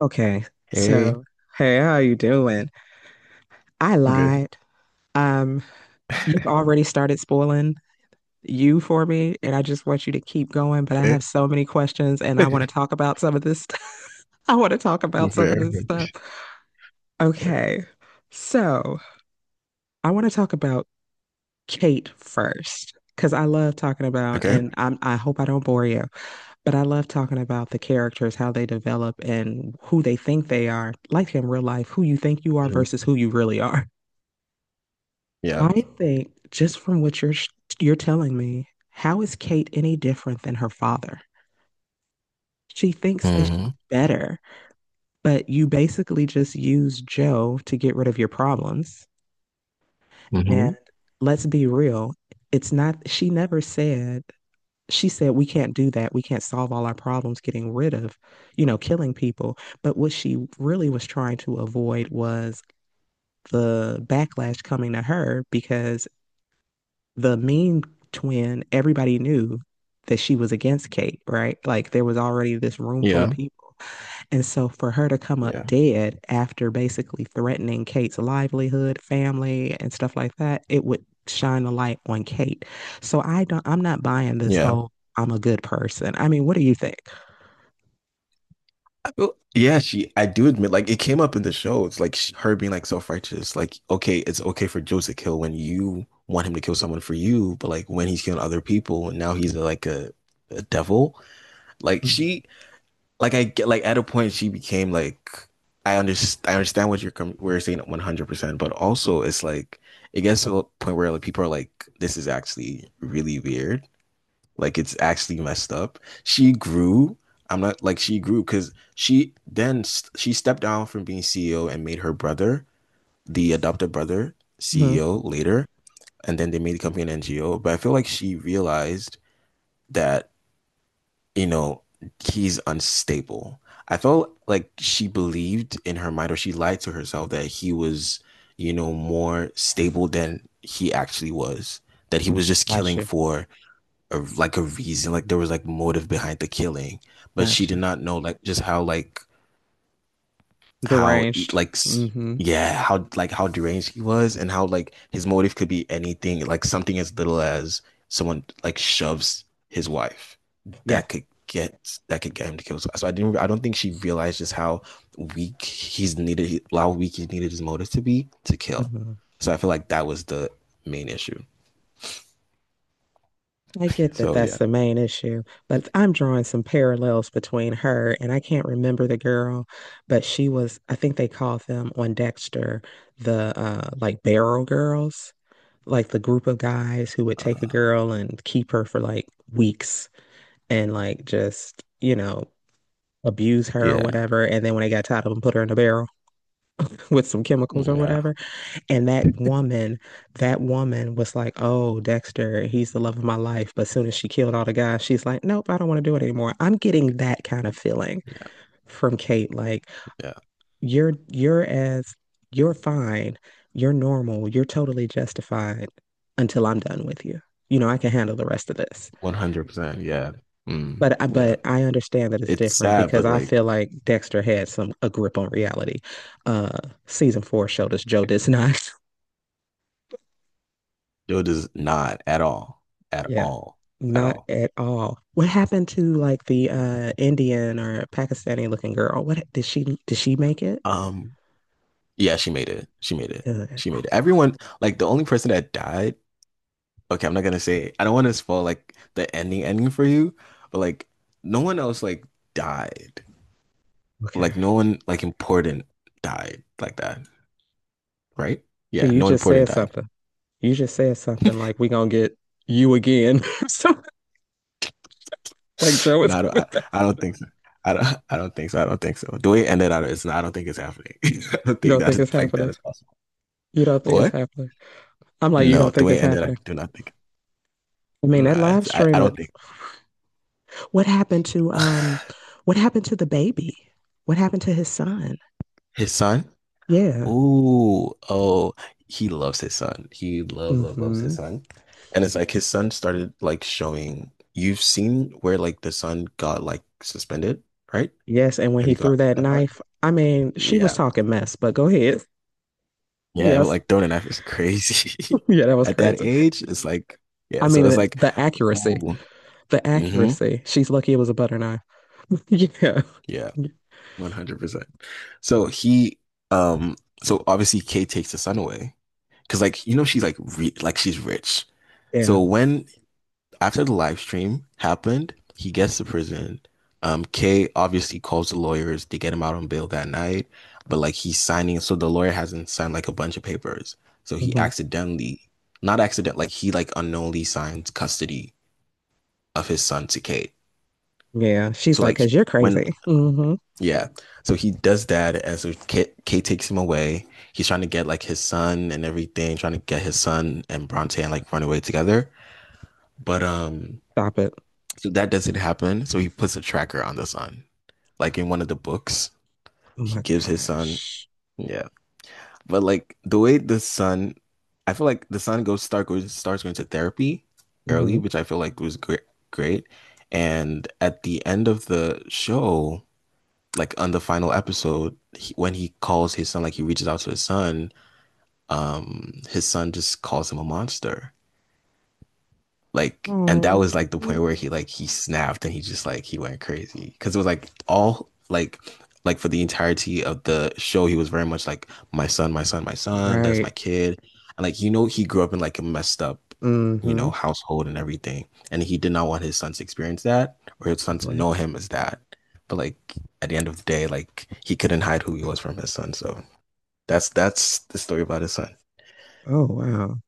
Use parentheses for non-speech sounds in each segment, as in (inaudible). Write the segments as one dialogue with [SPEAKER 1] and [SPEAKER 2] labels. [SPEAKER 1] Okay,
[SPEAKER 2] Hey,
[SPEAKER 1] so hey, how you doing? I
[SPEAKER 2] good.
[SPEAKER 1] lied. Um, you've already started spoiling you for me, and I just want you to keep going, but I
[SPEAKER 2] Hey.
[SPEAKER 1] have so many questions and I want to
[SPEAKER 2] (laughs)
[SPEAKER 1] talk about some of this stuff. (laughs) I want to talk about some of
[SPEAKER 2] Fair,
[SPEAKER 1] this stuff.
[SPEAKER 2] fair.
[SPEAKER 1] Okay, so I want to talk about Kate first, because I love talking about,
[SPEAKER 2] Okay.
[SPEAKER 1] and I hope I don't bore you, but I love talking about the characters, how they develop and who they think they are, like in real life, who you think you are
[SPEAKER 2] Mhm.
[SPEAKER 1] versus who you really are.
[SPEAKER 2] Yeah.
[SPEAKER 1] I think just from you're telling me, how is Kate any different than her father? She thinks that she's
[SPEAKER 2] Hmm.
[SPEAKER 1] better, but you basically just use Joe to get rid of your problems.
[SPEAKER 2] Hmm.
[SPEAKER 1] And let's be real, it's not, she never said, she said, we can't do that. We can't solve all our problems getting rid of, killing people. But what she really was trying to avoid was the backlash coming to her because the mean twin, everybody knew that she was against Kate, right? Like there was already this room full of
[SPEAKER 2] Yeah.
[SPEAKER 1] people. And so for her to come up
[SPEAKER 2] Yeah.
[SPEAKER 1] dead after basically threatening Kate's livelihood, family, and stuff like that, it would shine a light on Kate. So I'm not buying this
[SPEAKER 2] Yeah.
[SPEAKER 1] whole I'm a good person. I mean, what do you think?
[SPEAKER 2] Yeah, I do admit, like, it came up in the show. It's like her being like self-righteous. Like, okay, it's okay for Joe to kill when you want him to kill someone for you, but like when he's killing other people and now he's like a devil. Like,
[SPEAKER 1] Mm-hmm.
[SPEAKER 2] she, like I get like at a point she became like I understand what where you're saying 100%, but also it's like it gets to a point where like people are like this is actually really weird. Like it's actually messed up. She grew. I'm not like she grew cuz she she stepped down from being CEO and made her brother, the adopted brother, CEO later, and then they made the company an NGO. But I feel like she realized that, you know, he's unstable. I felt like she believed in her mind, or she lied to herself that he was, you know, more stable than he actually was. That he was just killing
[SPEAKER 1] Gotcha.
[SPEAKER 2] for like a reason, like there was like motive behind the killing, but she did
[SPEAKER 1] Gotcha.
[SPEAKER 2] not know like just how how e-
[SPEAKER 1] Deranged.
[SPEAKER 2] like
[SPEAKER 1] Hmm.
[SPEAKER 2] yeah, how like how deranged he was, and how like his motive could be anything, like something as little as someone shoves his wife,
[SPEAKER 1] Yeah.
[SPEAKER 2] that could get him to kill. So I didn't I don't think she realized just how weak he's needed how weak he needed his motive to be to kill.
[SPEAKER 1] Mhm.
[SPEAKER 2] So I feel like that was the main issue,
[SPEAKER 1] I get that
[SPEAKER 2] so
[SPEAKER 1] that's
[SPEAKER 2] yeah.
[SPEAKER 1] the main issue, but I'm drawing some parallels between her and I can't remember the girl, but she was, I think they called them on Dexter the like barrel girls, like the group of guys who would take a
[SPEAKER 2] uh
[SPEAKER 1] girl and keep her for like weeks and like just, you know, abuse her or
[SPEAKER 2] yeah,
[SPEAKER 1] whatever. And then when they got tired of them, put her in a barrel (laughs) with some chemicals or
[SPEAKER 2] yeah,
[SPEAKER 1] whatever. And that woman was like, "Oh, Dexter, he's the love of my life." But as soon as she killed all the guys, she's like, "Nope, I don't want to do it anymore." I'm getting that kind of feeling from Kate. Like
[SPEAKER 2] yeah,
[SPEAKER 1] you're as you're fine, you're normal, you're totally justified until I'm done with you. You know, I can handle the rest of this.
[SPEAKER 2] 100%, yeah.
[SPEAKER 1] But I,
[SPEAKER 2] Yeah,
[SPEAKER 1] but I understand that it's
[SPEAKER 2] it's
[SPEAKER 1] different
[SPEAKER 2] sad
[SPEAKER 1] because
[SPEAKER 2] but
[SPEAKER 1] I
[SPEAKER 2] like
[SPEAKER 1] feel like Dexter had some a grip on reality. Uh, Season four showed us Joe does not. (laughs)
[SPEAKER 2] dude does not at all, at
[SPEAKER 1] Yeah,
[SPEAKER 2] all, at
[SPEAKER 1] not
[SPEAKER 2] all.
[SPEAKER 1] at all. What happened to like the Indian or Pakistani looking girl? What did she make it?
[SPEAKER 2] Um, yeah, she made it. She made it.
[SPEAKER 1] Good.
[SPEAKER 2] She made it. Everyone, like the only person that died. Okay, I'm not gonna say. I don't want to spoil like the ending ending for you, but like no one else like died.
[SPEAKER 1] Okay.
[SPEAKER 2] Like no one like important died like that, right?
[SPEAKER 1] So
[SPEAKER 2] Yeah,
[SPEAKER 1] you
[SPEAKER 2] no one
[SPEAKER 1] just
[SPEAKER 2] important
[SPEAKER 1] said
[SPEAKER 2] died.
[SPEAKER 1] something. You just said something like we gonna get you again. (laughs) So like
[SPEAKER 2] (sighs)
[SPEAKER 1] Joe is
[SPEAKER 2] No, I don't,
[SPEAKER 1] coming
[SPEAKER 2] I,
[SPEAKER 1] back. (laughs)
[SPEAKER 2] I don't think so. I don't, (laughs) I don't think so. I don't think so. The way it ended, I don't think it's happening. (laughs) I don't
[SPEAKER 1] You
[SPEAKER 2] think
[SPEAKER 1] don't
[SPEAKER 2] that
[SPEAKER 1] think
[SPEAKER 2] is
[SPEAKER 1] it's
[SPEAKER 2] like that
[SPEAKER 1] happening.
[SPEAKER 2] is possible.
[SPEAKER 1] You don't
[SPEAKER 2] But
[SPEAKER 1] think it's
[SPEAKER 2] what?
[SPEAKER 1] happening. I'm like, you
[SPEAKER 2] No,
[SPEAKER 1] don't
[SPEAKER 2] the
[SPEAKER 1] think
[SPEAKER 2] way
[SPEAKER 1] it's
[SPEAKER 2] it ended, I
[SPEAKER 1] happening.
[SPEAKER 2] do not think.
[SPEAKER 1] I mean, that
[SPEAKER 2] Nah,
[SPEAKER 1] live
[SPEAKER 2] it's, I
[SPEAKER 1] stream,
[SPEAKER 2] don't think
[SPEAKER 1] what happened to um
[SPEAKER 2] (sighs)
[SPEAKER 1] what happened to the baby? What happened to his son?
[SPEAKER 2] His son.
[SPEAKER 1] Yeah.
[SPEAKER 2] Ooh, oh, he loves his son. He loves
[SPEAKER 1] Mm-hmm.
[SPEAKER 2] his son. And it's like his son started like showing. You've seen where like the son got like suspended, right?
[SPEAKER 1] Yes, and when
[SPEAKER 2] Have
[SPEAKER 1] he
[SPEAKER 2] you got
[SPEAKER 1] threw that
[SPEAKER 2] that part?
[SPEAKER 1] knife, I mean, she was
[SPEAKER 2] Yeah.
[SPEAKER 1] talking mess, but go ahead.
[SPEAKER 2] Yeah, but
[SPEAKER 1] Yes.
[SPEAKER 2] like
[SPEAKER 1] (laughs)
[SPEAKER 2] throwing a knife is crazy.
[SPEAKER 1] Yeah, that
[SPEAKER 2] (laughs)
[SPEAKER 1] was
[SPEAKER 2] At that
[SPEAKER 1] crazy.
[SPEAKER 2] age, it's like,
[SPEAKER 1] I
[SPEAKER 2] yeah, so
[SPEAKER 1] mean,
[SPEAKER 2] it's like,
[SPEAKER 1] the accuracy,
[SPEAKER 2] ooh.
[SPEAKER 1] the
[SPEAKER 2] Hmm,
[SPEAKER 1] accuracy. She's lucky it was a butter knife. (laughs) Yeah.
[SPEAKER 2] yeah, 100%. So he um so obviously Kay takes the son away because, like, you know, she's like re like she's rich.
[SPEAKER 1] Yeah.
[SPEAKER 2] So when after the live stream happened, he gets to prison. Kay obviously calls the lawyers to get him out on bail that night, but like he's signing, so the lawyer hasn't signed like a bunch of papers. So he
[SPEAKER 1] Hmm.
[SPEAKER 2] accidentally, not accident, like he like unknowingly signed custody of his son to Kate.
[SPEAKER 1] Yeah. She's
[SPEAKER 2] So
[SPEAKER 1] like,
[SPEAKER 2] like
[SPEAKER 1] because you're
[SPEAKER 2] when
[SPEAKER 1] crazy. Hmm.
[SPEAKER 2] yeah, so he does that, and so Kate takes him away. He's trying to get like his son and everything, trying to get his son and Bronte and like run away together. But
[SPEAKER 1] Stop it.
[SPEAKER 2] So that doesn't happen. So he puts a tracker on the son. Like in one of the books,
[SPEAKER 1] Oh
[SPEAKER 2] he
[SPEAKER 1] my
[SPEAKER 2] gives his son.
[SPEAKER 1] gosh.
[SPEAKER 2] Yeah. But like the way the son, I feel like the son goes start goes starts going to therapy early,
[SPEAKER 1] Hmm.
[SPEAKER 2] which I feel like was great. And at the end of the show, like on the final episode, when he calls his son, like he reaches out to his son just calls him a monster. Like, and that was
[SPEAKER 1] Oh.
[SPEAKER 2] like the point where he snapped, and he just like he went crazy because it was like all like for the entirety of the show, he was very much like, my son, my son, my son. That's my
[SPEAKER 1] Right.
[SPEAKER 2] kid, and like, you know, he grew up in like a messed up, you
[SPEAKER 1] Hmm.
[SPEAKER 2] know, household and everything, and he did not want his son to experience that, or his son to
[SPEAKER 1] Right.
[SPEAKER 2] know him as that. But like at the end of the day, like he couldn't hide who he was from his son. So that's the story about his son.
[SPEAKER 1] Oh, wow.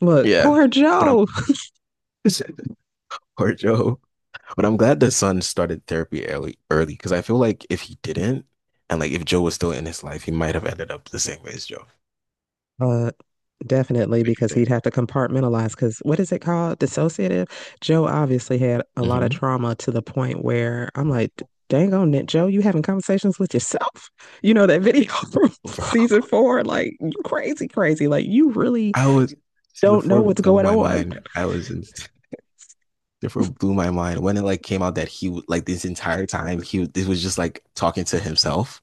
[SPEAKER 1] Look,
[SPEAKER 2] Yeah,
[SPEAKER 1] poor
[SPEAKER 2] but I'm
[SPEAKER 1] Joe.
[SPEAKER 2] (laughs) poor Joe. But I'm glad the son started therapy early, because I feel like if he didn't, and like if Joe was still in his life, he might have ended up the same way as Joe.
[SPEAKER 1] (laughs) Uh, Definitely,
[SPEAKER 2] What do you
[SPEAKER 1] because
[SPEAKER 2] think?
[SPEAKER 1] he'd have to compartmentalize. Because what is it called? Dissociative. Joe obviously had a lot of
[SPEAKER 2] Hmm.
[SPEAKER 1] trauma to the point where I'm like, dang on it, Joe, you having conversations with yourself? (laughs) You know, that video (laughs) from
[SPEAKER 2] Bro,
[SPEAKER 1] season four, like, you crazy, crazy. Like, you really
[SPEAKER 2] I was
[SPEAKER 1] don't know
[SPEAKER 2] therefore
[SPEAKER 1] what's
[SPEAKER 2] blew
[SPEAKER 1] going
[SPEAKER 2] my
[SPEAKER 1] on.
[SPEAKER 2] mind. I was in, therefore blew my mind when it like came out that he would like this entire time this was just like talking to himself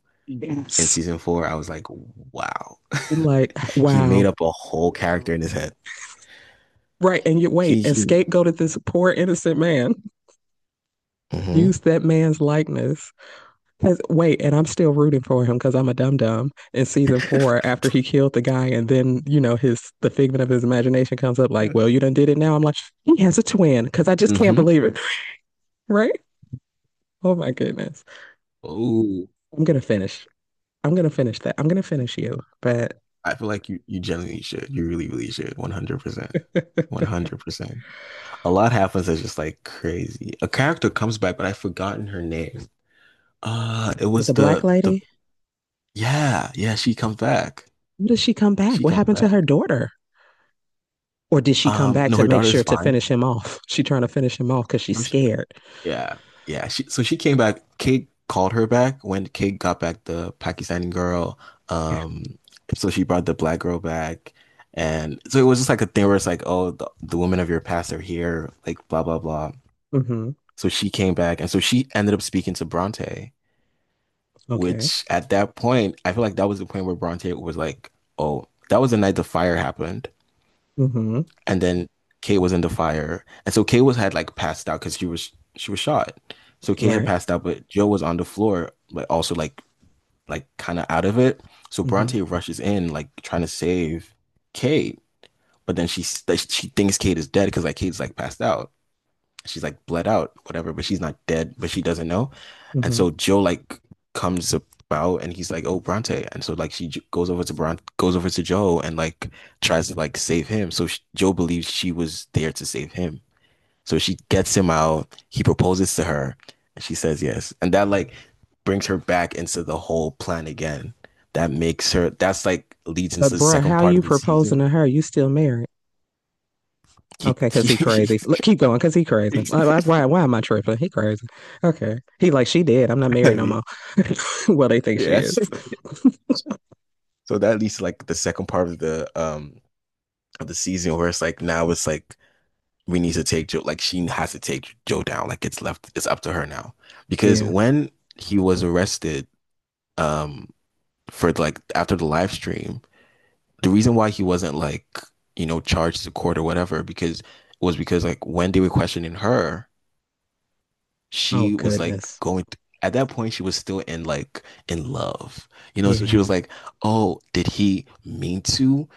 [SPEAKER 2] in
[SPEAKER 1] Yes.
[SPEAKER 2] season 4. I was like, wow.
[SPEAKER 1] And like,
[SPEAKER 2] (laughs) He
[SPEAKER 1] wow.
[SPEAKER 2] made up a whole character in his head.
[SPEAKER 1] Right. And you wait,
[SPEAKER 2] He
[SPEAKER 1] and
[SPEAKER 2] he.
[SPEAKER 1] scapegoated this poor innocent man,
[SPEAKER 2] Mm-hmm. (laughs)
[SPEAKER 1] used that man's likeness 'Cause- wait, and I'm still rooting for him because I'm a dum dum in season four after he killed the guy, and then you know his the figment of his imagination comes up like, well, you done did it now. I'm like, he has a twin because I just can't believe it, (laughs) right? Oh my goodness,
[SPEAKER 2] Mm-hmm.
[SPEAKER 1] I'm gonna finish. I'm gonna finish that. I'm gonna finish you. But
[SPEAKER 2] I feel like you genuinely should. You really, really should. 100%. 100%. A lot happens that's just like crazy. A character comes back, but I've forgotten her name. It
[SPEAKER 1] with
[SPEAKER 2] was
[SPEAKER 1] the black
[SPEAKER 2] the
[SPEAKER 1] lady,
[SPEAKER 2] yeah, yeah, she comes back.
[SPEAKER 1] when does she come back?
[SPEAKER 2] She
[SPEAKER 1] What
[SPEAKER 2] comes
[SPEAKER 1] happened to
[SPEAKER 2] back.
[SPEAKER 1] her daughter? Or did she come back
[SPEAKER 2] No,
[SPEAKER 1] to
[SPEAKER 2] her
[SPEAKER 1] make
[SPEAKER 2] daughter's
[SPEAKER 1] sure to
[SPEAKER 2] fine.
[SPEAKER 1] finish him off? (laughs) She trying to finish him off because she's
[SPEAKER 2] Um, she-
[SPEAKER 1] scared.
[SPEAKER 2] yeah. Yeah, she so she came back. Kate called her back when Kate got back the Pakistani girl.
[SPEAKER 1] Yeah.
[SPEAKER 2] Um, so she brought the black girl back. And so it was just like a thing where it's like, oh, the women of your past are here, like blah blah blah.
[SPEAKER 1] Mm-hmm.
[SPEAKER 2] So she came back, and so she ended up speaking to Bronte,
[SPEAKER 1] Okay.
[SPEAKER 2] which at that point, I feel like that was the point where Bronte was like, "Oh, that was the night the fire happened,"
[SPEAKER 1] Mm-hmm.
[SPEAKER 2] and then Kate was in the fire, and so Kate was had like passed out because she was shot, so Kate had
[SPEAKER 1] Right.
[SPEAKER 2] passed out, but Joe was on the floor, but also like kind of out of it. So
[SPEAKER 1] Mm-hmm.
[SPEAKER 2] Bronte rushes in, like trying to save Kate, but then she thinks Kate is dead because like Kate's like passed out. She's like bled out, whatever, but she's not dead, but she doesn't know. And
[SPEAKER 1] Mm-hmm.
[SPEAKER 2] so Joe like comes about, and he's like, "Oh, Bronte." And so like goes over to Bron goes over to Joe and like tries to like save him. So sh Joe believes she was there to save him. So she gets him out. He proposes to her, and she says yes. And that like brings her back into the whole plan again. That makes her. That's like leads into
[SPEAKER 1] But
[SPEAKER 2] the
[SPEAKER 1] bruh,
[SPEAKER 2] second
[SPEAKER 1] how
[SPEAKER 2] part of
[SPEAKER 1] you
[SPEAKER 2] the
[SPEAKER 1] proposing
[SPEAKER 2] season.
[SPEAKER 1] to her? You still married?
[SPEAKER 2] He,
[SPEAKER 1] Okay,
[SPEAKER 2] (laughs)
[SPEAKER 1] because he
[SPEAKER 2] he,
[SPEAKER 1] crazy. Look, keep going, because he crazy. Why am I tripping? He crazy. Okay. He like, she dead. I'm not
[SPEAKER 2] I
[SPEAKER 1] married no
[SPEAKER 2] mean,
[SPEAKER 1] more. (laughs) Well, they think she
[SPEAKER 2] yes.
[SPEAKER 1] is.
[SPEAKER 2] (laughs)
[SPEAKER 1] (laughs)
[SPEAKER 2] So that leads to like the second part of the season where it's like now it's like we need to take Joe, like she has to take Joe down. Like it's up to her now. Because
[SPEAKER 1] Yeah.
[SPEAKER 2] when he was arrested um for like after the live stream, the reason why he wasn't, like, you know, charged to court or whatever, because was because like when they were questioning her,
[SPEAKER 1] Oh,
[SPEAKER 2] she was like
[SPEAKER 1] goodness.
[SPEAKER 2] at that point she was still in like in love. You know, so
[SPEAKER 1] Yeah.
[SPEAKER 2] she was like, oh, did he mean to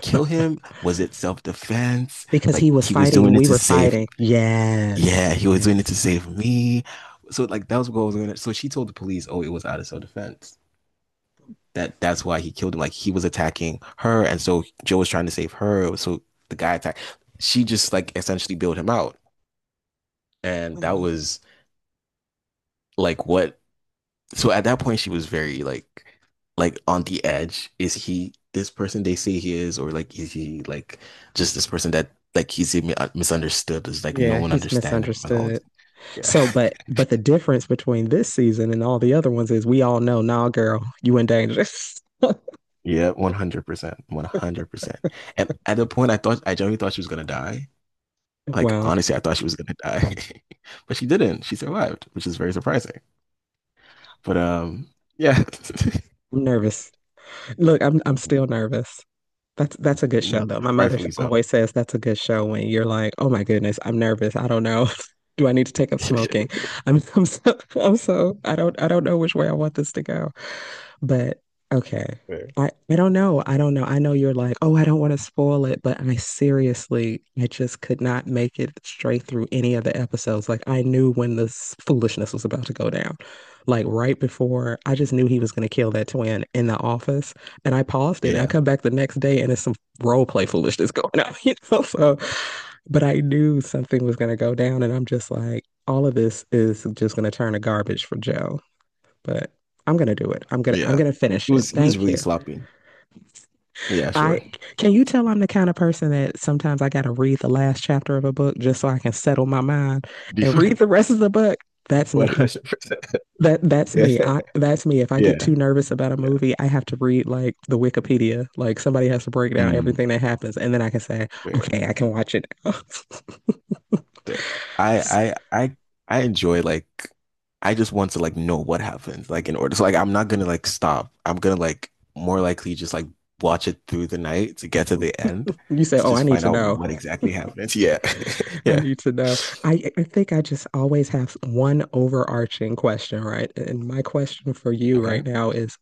[SPEAKER 2] kill him? Was it self-defense?
[SPEAKER 1] Because
[SPEAKER 2] Like
[SPEAKER 1] he was
[SPEAKER 2] he was
[SPEAKER 1] fighting,
[SPEAKER 2] doing it
[SPEAKER 1] we
[SPEAKER 2] to
[SPEAKER 1] were
[SPEAKER 2] save.
[SPEAKER 1] fighting. Yes.
[SPEAKER 2] Yeah, he was doing it
[SPEAKER 1] Yes.
[SPEAKER 2] to save me. So like that was what was going on. So she told the police, oh, it was out of self-defense. That's why he killed him. Like he was attacking her, and so Joe was trying to save her. So the guy attacked. She just like essentially bailed him out, and that was like what. So at that point, she was very like on the edge. Is he this person they say he is, or like is he like just this person that like misunderstood? Is like no
[SPEAKER 1] Yeah,
[SPEAKER 2] one
[SPEAKER 1] he's
[SPEAKER 2] understand him and all that.
[SPEAKER 1] misunderstood.
[SPEAKER 2] Yeah,
[SPEAKER 1] So, but the difference between this season and all the other ones is we all know, nah, girl, you in danger.
[SPEAKER 2] (laughs) yeah, 100%, 100%. And at the point, I genuinely thought she was gonna die.
[SPEAKER 1] (laughs)
[SPEAKER 2] Like
[SPEAKER 1] Wow.
[SPEAKER 2] honestly, I thought she was gonna die, (laughs) but she didn't. She survived, which is very surprising. But yeah,
[SPEAKER 1] I'm nervous. Look, I'm still nervous. That's a good show though. My
[SPEAKER 2] (laughs)
[SPEAKER 1] mother
[SPEAKER 2] rightfully so.
[SPEAKER 1] always says that's a good show when you're like, "Oh my goodness, I'm nervous. I don't know. (laughs) Do I need to take up smoking?" I'm so I don't know which way I want this to go. But okay.
[SPEAKER 2] Fair.
[SPEAKER 1] I don't know. I don't know. I know you're like, oh, I don't want to spoil it, but I seriously, I just could not make it straight through any of the episodes. Like I knew when this foolishness was about to go down. Like right before, I just knew he was going to kill that twin in the office, and I paused it. And I
[SPEAKER 2] Yeah,
[SPEAKER 1] come back the next day, and it's some role play foolishness going on, (laughs) you know. So, but I knew something was going to go down, and I'm just like, all of this is just going to turn to garbage for Joe but I'm gonna do it. I'm gonna I'm
[SPEAKER 2] yeah.
[SPEAKER 1] gonna finish it.
[SPEAKER 2] He was
[SPEAKER 1] Thank you.
[SPEAKER 2] really sloppy. Yeah,
[SPEAKER 1] I
[SPEAKER 2] sure.
[SPEAKER 1] can you tell I'm the kind of person that sometimes I gotta read the last chapter of a book just so I can settle my mind and
[SPEAKER 2] Before,
[SPEAKER 1] read the rest of the book.
[SPEAKER 2] (laughs)
[SPEAKER 1] That's
[SPEAKER 2] one
[SPEAKER 1] me.
[SPEAKER 2] hundred percent. (laughs)
[SPEAKER 1] That that's
[SPEAKER 2] Yeah,
[SPEAKER 1] me. I that's me. If I get
[SPEAKER 2] yeah,
[SPEAKER 1] too nervous about a
[SPEAKER 2] yeah.
[SPEAKER 1] movie, I have to read like the Wikipedia. Like somebody has to break down
[SPEAKER 2] Mm,
[SPEAKER 1] everything that happens, and then I can say,
[SPEAKER 2] fair,
[SPEAKER 1] okay, I can watch it now. (laughs)
[SPEAKER 2] fair. I, I, I, I enjoy like. I just want to like know what happens, like in order. So like, I'm not gonna like stop. I'm gonna like more likely just like watch it through the night to get to the end
[SPEAKER 1] You say,
[SPEAKER 2] to
[SPEAKER 1] oh, I
[SPEAKER 2] just
[SPEAKER 1] need
[SPEAKER 2] find
[SPEAKER 1] to
[SPEAKER 2] out
[SPEAKER 1] know.
[SPEAKER 2] what exactly happens. Yeah, (laughs)
[SPEAKER 1] I
[SPEAKER 2] yeah.
[SPEAKER 1] need to know. I think I just always have one overarching question, right? And my question for you
[SPEAKER 2] Okay.
[SPEAKER 1] right now is,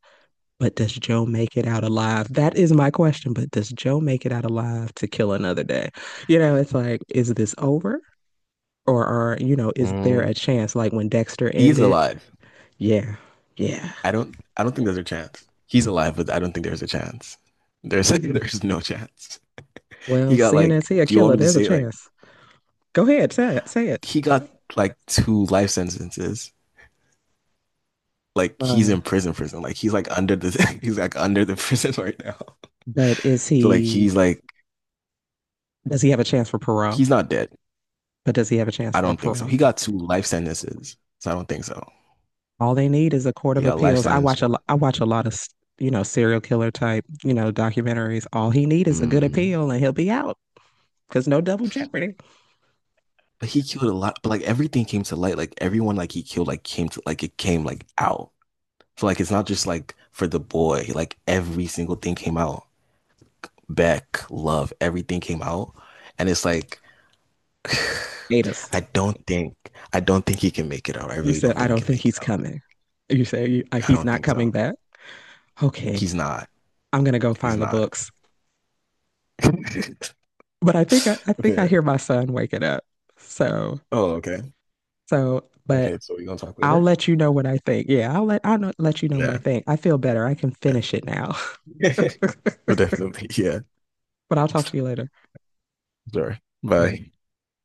[SPEAKER 1] but does Joe make it out alive? That is my question, but does Joe make it out alive to kill another day? You know, it's like, is this over? Or are, you know, is there a
[SPEAKER 2] Mm.
[SPEAKER 1] chance like when Dexter
[SPEAKER 2] He's
[SPEAKER 1] ended?
[SPEAKER 2] alive.
[SPEAKER 1] Yeah, yeah.
[SPEAKER 2] I don't think there's a chance. He's alive, but I don't think there's a chance. There's (laughs) there's no chance. He
[SPEAKER 1] Well,
[SPEAKER 2] got
[SPEAKER 1] seeing as
[SPEAKER 2] like,
[SPEAKER 1] he a
[SPEAKER 2] do you want
[SPEAKER 1] killer,
[SPEAKER 2] me to
[SPEAKER 1] there's a
[SPEAKER 2] say it? Like,
[SPEAKER 1] chance. Go ahead, say it, say it.
[SPEAKER 2] he got like 2 life sentences. Like he's
[SPEAKER 1] Uh,
[SPEAKER 2] in prison, prison. Like he's like under the (laughs) he's like under the (laughs) prison right now.
[SPEAKER 1] but is
[SPEAKER 2] So like
[SPEAKER 1] he, does he have a chance for parole?
[SPEAKER 2] he's not dead.
[SPEAKER 1] But does he have a chance
[SPEAKER 2] I
[SPEAKER 1] for
[SPEAKER 2] don't think so.
[SPEAKER 1] parole?
[SPEAKER 2] He got 2 life sentences. So I don't think so.
[SPEAKER 1] All they need is a court of
[SPEAKER 2] He got life
[SPEAKER 1] appeals.
[SPEAKER 2] sentence one.
[SPEAKER 1] I watch a lot of you know serial killer type you know documentaries. All he need is a good
[SPEAKER 2] Mm.
[SPEAKER 1] appeal and he'll be out because no double jeopardy.
[SPEAKER 2] But he killed a lot. But like everything came to light. Like everyone like he killed like came to like it came like out. So like it's not just like for the boy. Like every single thing came out. Beck, love, everything came out. And it's like (sighs)
[SPEAKER 1] Gatus,
[SPEAKER 2] I don't think I don't think he can make it out. I
[SPEAKER 1] you
[SPEAKER 2] really
[SPEAKER 1] said
[SPEAKER 2] don't
[SPEAKER 1] I
[SPEAKER 2] think
[SPEAKER 1] don't
[SPEAKER 2] he can
[SPEAKER 1] think
[SPEAKER 2] make it
[SPEAKER 1] he's
[SPEAKER 2] out.
[SPEAKER 1] coming. You say you,
[SPEAKER 2] I
[SPEAKER 1] he's
[SPEAKER 2] don't
[SPEAKER 1] not
[SPEAKER 2] think
[SPEAKER 1] coming
[SPEAKER 2] so.
[SPEAKER 1] back. Okay,
[SPEAKER 2] He's not.
[SPEAKER 1] I'm gonna go
[SPEAKER 2] He's
[SPEAKER 1] find the
[SPEAKER 2] not.
[SPEAKER 1] books.
[SPEAKER 2] (laughs)
[SPEAKER 1] But I think I
[SPEAKER 2] Fair.
[SPEAKER 1] hear my son waking up. So
[SPEAKER 2] Oh, okay.
[SPEAKER 1] so but
[SPEAKER 2] Okay, so we're gonna talk
[SPEAKER 1] I'll
[SPEAKER 2] later?
[SPEAKER 1] let you know what I think. Yeah, I'll let you know what I
[SPEAKER 2] Yeah,
[SPEAKER 1] think. I feel better. I can finish it now. (laughs)
[SPEAKER 2] definitely. (laughs) But definitely, yeah.
[SPEAKER 1] But I'll talk to you later.
[SPEAKER 2] Sorry. Bye.